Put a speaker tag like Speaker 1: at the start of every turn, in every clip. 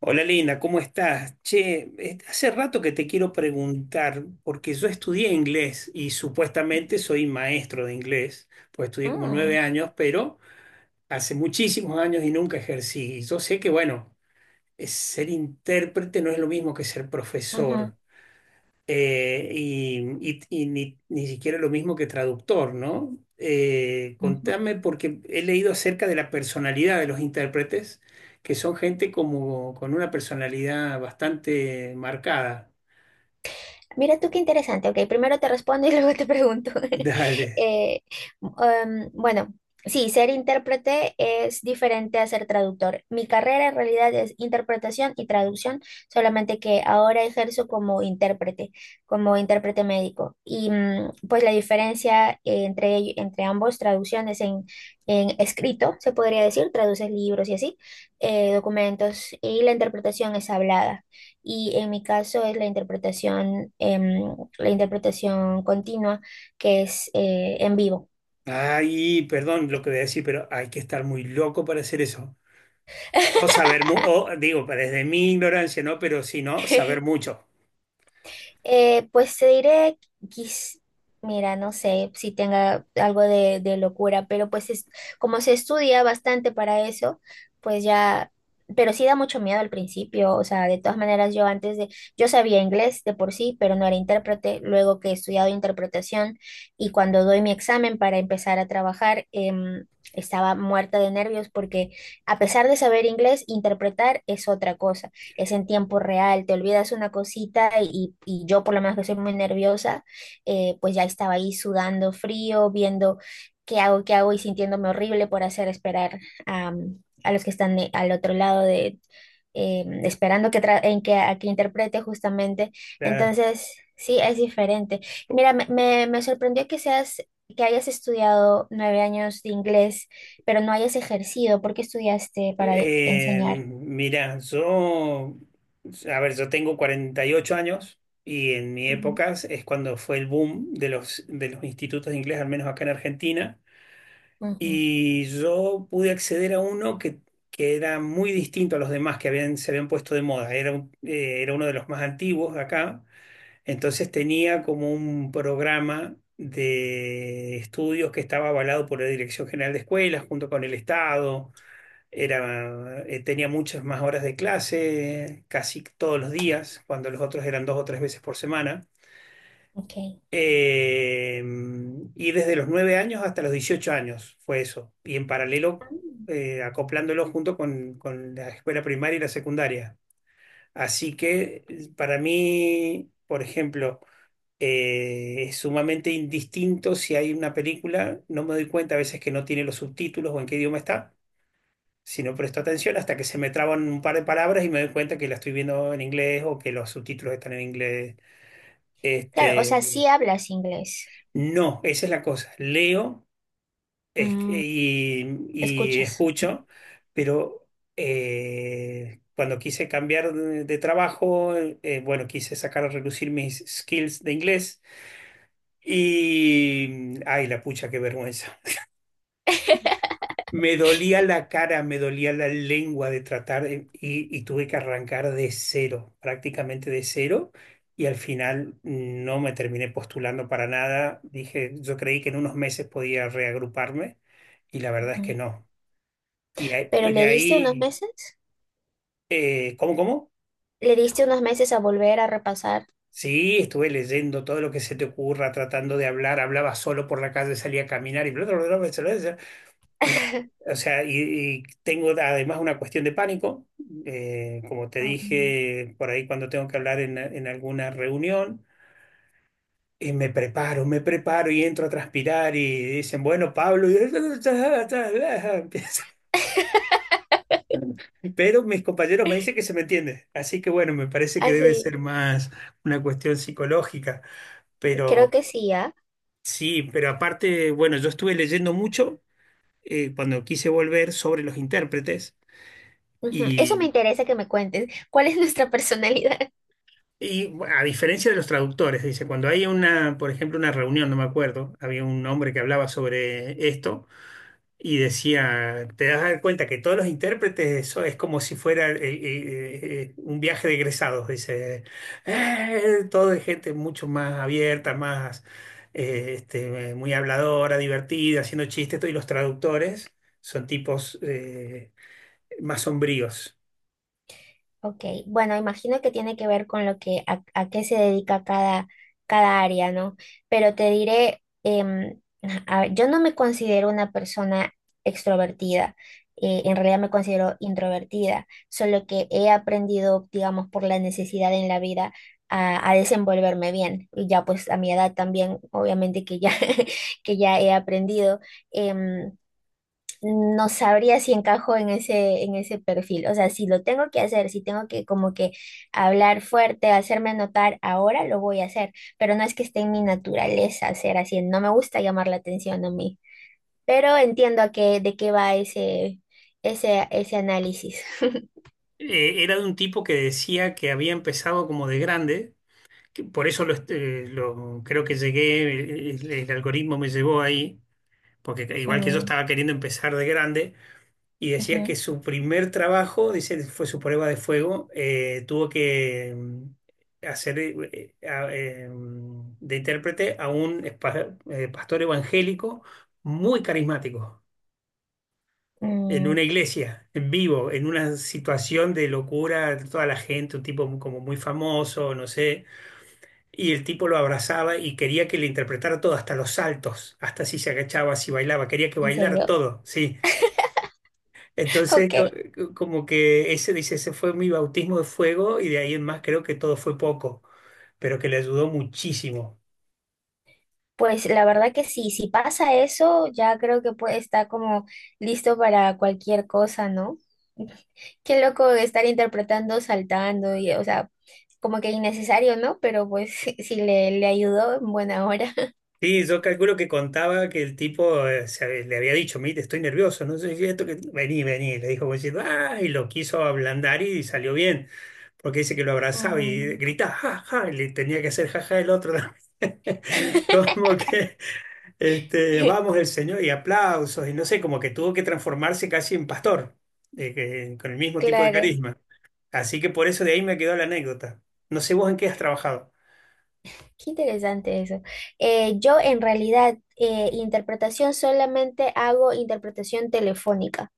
Speaker 1: Hola Lina, ¿cómo estás? Che, hace rato que te quiero preguntar, porque yo estudié inglés y supuestamente
Speaker 2: Mm,
Speaker 1: soy maestro de inglés, pues estudié como 9 años, pero hace muchísimos años y nunca ejercí. Y yo sé que, bueno, ser intérprete no es lo mismo que ser
Speaker 2: ujú.
Speaker 1: profesor. Y ni siquiera lo mismo que traductor, ¿no?
Speaker 2: Ujú.
Speaker 1: Contame, porque he leído acerca de la personalidad de los intérpretes, que son gente como con una personalidad bastante marcada.
Speaker 2: Mira tú qué interesante. Ok, primero te respondo y luego te pregunto.
Speaker 1: Dale.
Speaker 2: Eh, bueno, sí, ser intérprete es diferente a ser traductor. Mi carrera en realidad es interpretación y traducción, solamente que ahora ejerzo como intérprete médico. Y pues la diferencia entre ambos, traducciones en escrito, se podría decir, traduces libros y así, documentos, y la interpretación es hablada. Y en mi caso es la interpretación continua, que es en vivo.
Speaker 1: Ay, perdón lo que voy a decir, pero hay que estar muy loco para hacer eso. O saber, o digo, pues, desde mi ignorancia, ¿no? Pero si no, saber mucho.
Speaker 2: Pues te diré, quis- mira, no sé si tenga algo de locura, pero pues es, como se estudia bastante para eso, pues ya, pero sí da mucho miedo al principio, o sea, de todas maneras yo antes de, yo sabía inglés de por sí, pero no era intérprete, luego que he estudiado interpretación y cuando doy mi examen para empezar a trabajar, estaba muerta de nervios porque a pesar de saber inglés, interpretar es otra cosa, es en tiempo real, te olvidas una cosita y yo por lo menos que soy muy nerviosa, pues ya estaba ahí sudando frío, viendo qué hago y sintiéndome horrible por hacer esperar a los que están al otro lado esperando que tra- en que, a que interprete justamente.
Speaker 1: Claro.
Speaker 2: Entonces, sí, es diferente. Mira, me sorprendió que hayas estudiado 9 años de inglés, pero no hayas ejercido. ¿Por qué estudiaste para enseñar?
Speaker 1: Mira, a ver, yo tengo 48 años, y en mi
Speaker 2: Ujú,
Speaker 1: época es cuando fue el boom de los institutos de inglés, al menos acá en Argentina,
Speaker 2: ujú.
Speaker 1: y yo pude acceder a uno que era muy distinto a los demás que habían, se habían puesto de moda. Era, era uno de los más antiguos acá, entonces tenía como un programa de estudios que estaba avalado por la Dirección General de Escuelas junto con el Estado. Tenía muchas más horas de clase, casi todos los días, cuando los otros eran dos o tres veces por semana.
Speaker 2: Ok.
Speaker 1: Eh, y desde los 9 años hasta los 18 años fue eso. Y en
Speaker 2: Ah.
Speaker 1: paralelo, acoplándolo junto con la escuela primaria y la secundaria. Así que para mí, por ejemplo, es sumamente indistinto. Si hay una película, no me doy cuenta a veces que no tiene los subtítulos o en qué idioma está, si no presto atención, hasta que se me traban un par de palabras y me doy cuenta que la estoy viendo en inglés o que los subtítulos están en inglés.
Speaker 2: Claro, o
Speaker 1: Este,
Speaker 2: sea, sí hablas inglés,
Speaker 1: no, esa es la cosa. Leo,
Speaker 2: mm,
Speaker 1: y
Speaker 2: escuchas.
Speaker 1: escucho, pero cuando quise cambiar de trabajo, bueno, quise sacar a relucir mis skills de inglés y, ay, la pucha, qué vergüenza. Me dolía la cara, me dolía la lengua de tratar y tuve que arrancar de cero, prácticamente de cero. Y al final no me terminé postulando para nada. Dije, yo creí que en unos meses podía reagruparme, y la verdad es que
Speaker 2: Ujú.
Speaker 1: no. Y,
Speaker 2: Pero
Speaker 1: de
Speaker 2: ¿le diste unos
Speaker 1: ahí,
Speaker 2: meses?
Speaker 1: ¿cómo, cómo?
Speaker 2: ¿Le diste unos meses a volver a repasar?
Speaker 1: Sí, estuve leyendo todo lo que se te ocurra, tratando de hablar. Hablaba solo por la calle, salía a caminar y bla, bla, bla, bla, bla, bla, bla. No, o sea, y tengo además una cuestión de pánico, como te
Speaker 2: Um,
Speaker 1: dije por ahí, cuando tengo que hablar en alguna reunión, y me preparo y entro a transpirar y dicen, bueno, Pablo, y empieza. Pero mis compañeros me dicen que se me entiende, así que bueno, me parece que
Speaker 2: Ah,
Speaker 1: debe
Speaker 2: sí,
Speaker 1: ser más una cuestión psicológica,
Speaker 2: creo
Speaker 1: pero
Speaker 2: que sí, ¿ah?
Speaker 1: sí, pero aparte, bueno, yo estuve leyendo mucho cuando quise volver sobre los intérpretes.
Speaker 2: Ujú. Eso me
Speaker 1: Y
Speaker 2: interesa que me cuentes. ¿Cuál es nuestra personalidad?
Speaker 1: Y bueno, a diferencia de los traductores, dice, cuando hay una, por ejemplo, una reunión, no me acuerdo, había un hombre que hablaba sobre esto y decía, te das dar cuenta que todos los intérpretes, eso es como si fuera un viaje de egresados. Dice, Todo es gente mucho más abierta, más muy habladora, divertida, haciendo chistes, todo, y los traductores son tipos más sombríos".
Speaker 2: Ok, bueno, imagino que tiene que ver con lo que a qué se dedica cada, cada área, ¿no? Pero te diré, a ver, yo no me considero una persona extrovertida, en realidad me considero introvertida, solo que he aprendido, digamos, por la necesidad en la vida a desenvolverme bien. Y ya pues a mi edad también, obviamente que ya, que ya he aprendido. em, no sabría si encajo en ese perfil. O sea, si lo tengo que hacer, si tengo que como que hablar fuerte, hacerme notar ahora, lo voy a hacer. Pero no es que esté en mi naturaleza ser así. No me gusta llamar la atención a mí. Pero entiendo a qué, de qué va ese, ese, ese análisis.
Speaker 1: Era de un tipo que decía que había empezado como de grande. Que Por eso creo que llegué, el algoritmo me llevó ahí, porque igual que yo
Speaker 2: Mm,
Speaker 1: estaba queriendo empezar de grande, y decía que
Speaker 2: ujú.
Speaker 1: su primer trabajo, dice, fue su prueba de fuego. Tuvo que hacer, de intérprete a un pastor evangélico muy carismático, en
Speaker 2: Mm,
Speaker 1: una iglesia, en vivo, en una situación de locura, toda la gente, un tipo como muy famoso, no sé. Y el tipo lo abrazaba y quería que le interpretara todo, hasta los saltos, hasta si se agachaba, si bailaba, quería que
Speaker 2: ¿en
Speaker 1: bailar
Speaker 2: serio?
Speaker 1: todo, sí. Entonces,
Speaker 2: Ok.
Speaker 1: como que ese, dice, ese fue mi bautismo de fuego, y de ahí en más creo que todo fue poco, pero que le ayudó muchísimo.
Speaker 2: Pues la verdad que sí, si pasa eso, ya creo que puede estar como listo para cualquier cosa, ¿no? Qué loco estar interpretando saltando y, o sea, como que innecesario, ¿no? Pero pues si le ayudó, en buena hora.
Speaker 1: Sí, yo calculo que contaba que el tipo, le había dicho, mire, estoy nervioso, no sé si esto que. Vení, vení, le dijo, como diciendo, ah, y lo quiso ablandar y salió bien. Porque dice que lo abrazaba y
Speaker 2: Mm.
Speaker 1: gritaba, ja, ja, y le tenía que hacer ja, ja el otro también. Como que, vamos el Señor y aplausos, y no sé, como que tuvo que transformarse casi en pastor, con el mismo tipo de
Speaker 2: Claro,
Speaker 1: carisma. Así que por eso de ahí me quedó la anécdota. No sé vos en qué has trabajado.
Speaker 2: qué interesante eso. Yo en realidad, interpretación solamente hago interpretación telefónica.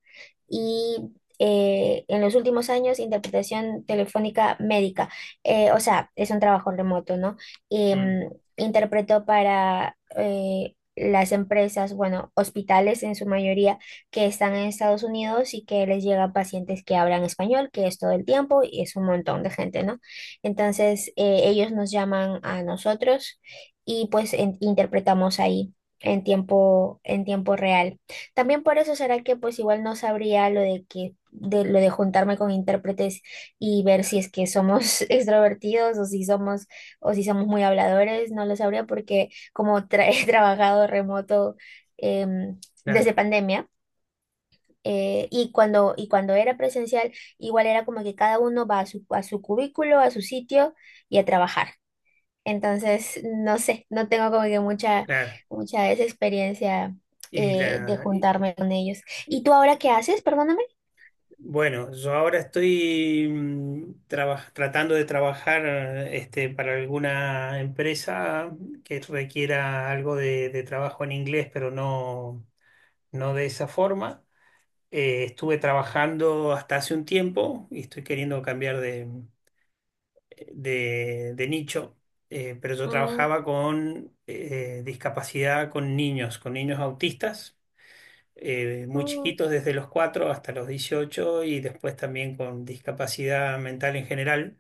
Speaker 2: Y en los últimos años interpretación telefónica médica. O sea, es un trabajo remoto, ¿no?
Speaker 1: Mm,
Speaker 2: Em, interpretó para las empresas, bueno, hospitales en su mayoría que están en Estados Unidos y que les llegan pacientes que hablan español, que es todo el tiempo y es un montón de gente, ¿no? Entonces, ellos nos llaman a nosotros y pues interpretamos ahí en tiempo real. También por eso será que pues igual no sabría lo de que de lo de juntarme con intérpretes y ver si es que somos extrovertidos o si somos muy habladores, no lo sabría porque como he trabajado remoto, em, desde
Speaker 1: claro,
Speaker 2: pandemia, y cuando era presencial igual era como que cada uno va a su cubículo, a su sitio y a trabajar. Entonces, no sé, no tengo como que mucha,
Speaker 1: claro.
Speaker 2: mucha esa experiencia
Speaker 1: Y
Speaker 2: de
Speaker 1: la,
Speaker 2: juntarme con ellos. ¿Y tú ahora qué haces? Perdóname.
Speaker 1: Bueno, yo ahora estoy tratando de trabajar, para alguna empresa que requiera algo de trabajo en inglés, pero no, no de esa forma. Estuve trabajando hasta hace un tiempo y estoy queriendo cambiar de nicho. Pero yo
Speaker 2: Mm,
Speaker 1: trabajaba con discapacidad, con niños autistas, muy
Speaker 2: mm.
Speaker 1: chiquitos, desde los 4 hasta los dieciocho, y después también con discapacidad mental en general.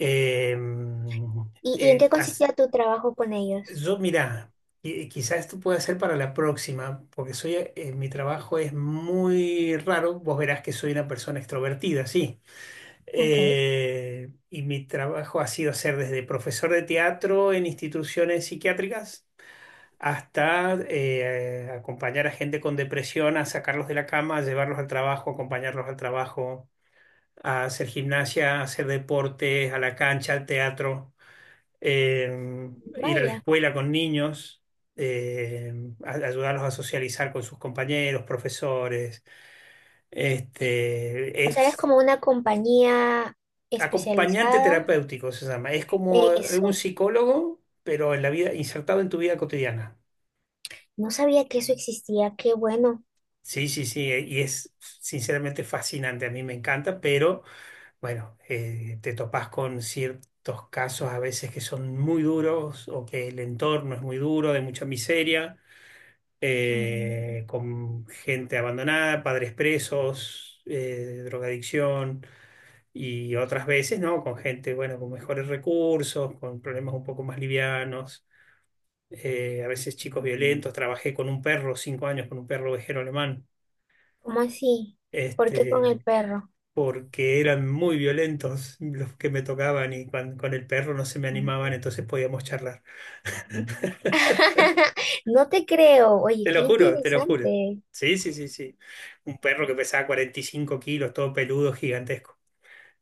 Speaker 1: Eh,
Speaker 2: ¿Y en
Speaker 1: eh,
Speaker 2: qué
Speaker 1: as-
Speaker 2: consistía tu trabajo con ellos?
Speaker 1: yo, mira, quizás esto pueda ser para la próxima, porque mi trabajo es muy raro. Vos verás que soy una persona extrovertida, sí.
Speaker 2: Ok,
Speaker 1: Y mi trabajo ha sido ser desde profesor de teatro en instituciones psiquiátricas, hasta acompañar a gente con depresión, a sacarlos de la cama, a llevarlos al trabajo, acompañarlos al trabajo, a hacer gimnasia, a hacer deporte, a la cancha, al teatro, eh, ir a la
Speaker 2: vaya.
Speaker 1: escuela con niños, eh, ayudarlos a socializar con sus compañeros, profesores. Este,
Speaker 2: O sea, eres
Speaker 1: es
Speaker 2: como una compañía
Speaker 1: acompañante
Speaker 2: especializada.
Speaker 1: terapéutico, se llama. Es como un
Speaker 2: Eso.
Speaker 1: psicólogo, pero en la vida, insertado en tu vida cotidiana.
Speaker 2: No sabía que eso existía. Qué bueno.
Speaker 1: Sí, sí, sí, y es sinceramente fascinante, a mí me encanta, pero bueno, te topás con ciertos casos a veces que son muy duros o que el entorno es muy duro, de mucha miseria,
Speaker 2: Mm.
Speaker 1: con gente abandonada, padres presos, drogadicción, y otras veces, ¿no? Con gente, bueno, con mejores recursos, con problemas un poco más livianos, a veces chicos violentos. Trabajé con un perro, 5 años con un perro ovejero alemán.
Speaker 2: ¿Cómo así? ¿Por qué con el
Speaker 1: Este,
Speaker 2: perro?
Speaker 1: Porque eran muy violentos los que me tocaban, y el perro no se me
Speaker 2: Ah.
Speaker 1: animaban, entonces podíamos charlar.
Speaker 2: No te creo. Oye,
Speaker 1: Te
Speaker 2: qué
Speaker 1: lo juro, te lo juro.
Speaker 2: interesante.
Speaker 1: Sí, sí, sí, sí. Un perro que pesaba 45 kilos, todo peludo, gigantesco.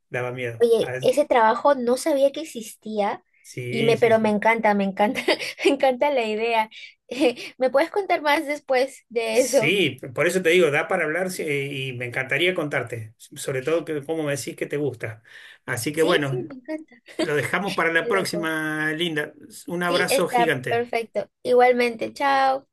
Speaker 1: Daba miedo.
Speaker 2: Oye,
Speaker 1: Ah,
Speaker 2: ese trabajo no sabía que existía
Speaker 1: sí, sí,
Speaker 2: pero
Speaker 1: sí.
Speaker 2: me encanta, me encanta la idea. ¿Me puedes contar más después de eso?
Speaker 1: Sí, por eso te digo, da para hablar, sí, y me encantaría contarte, sobre todo que cómo me decís que te gusta. Así que
Speaker 2: Sí,
Speaker 1: bueno,
Speaker 2: sí, me encanta.
Speaker 1: lo dejamos para la
Speaker 2: Qué loco.
Speaker 1: próxima, Linda. Un
Speaker 2: Sí,
Speaker 1: abrazo
Speaker 2: está
Speaker 1: gigante.
Speaker 2: perfecto. Igualmente, chao.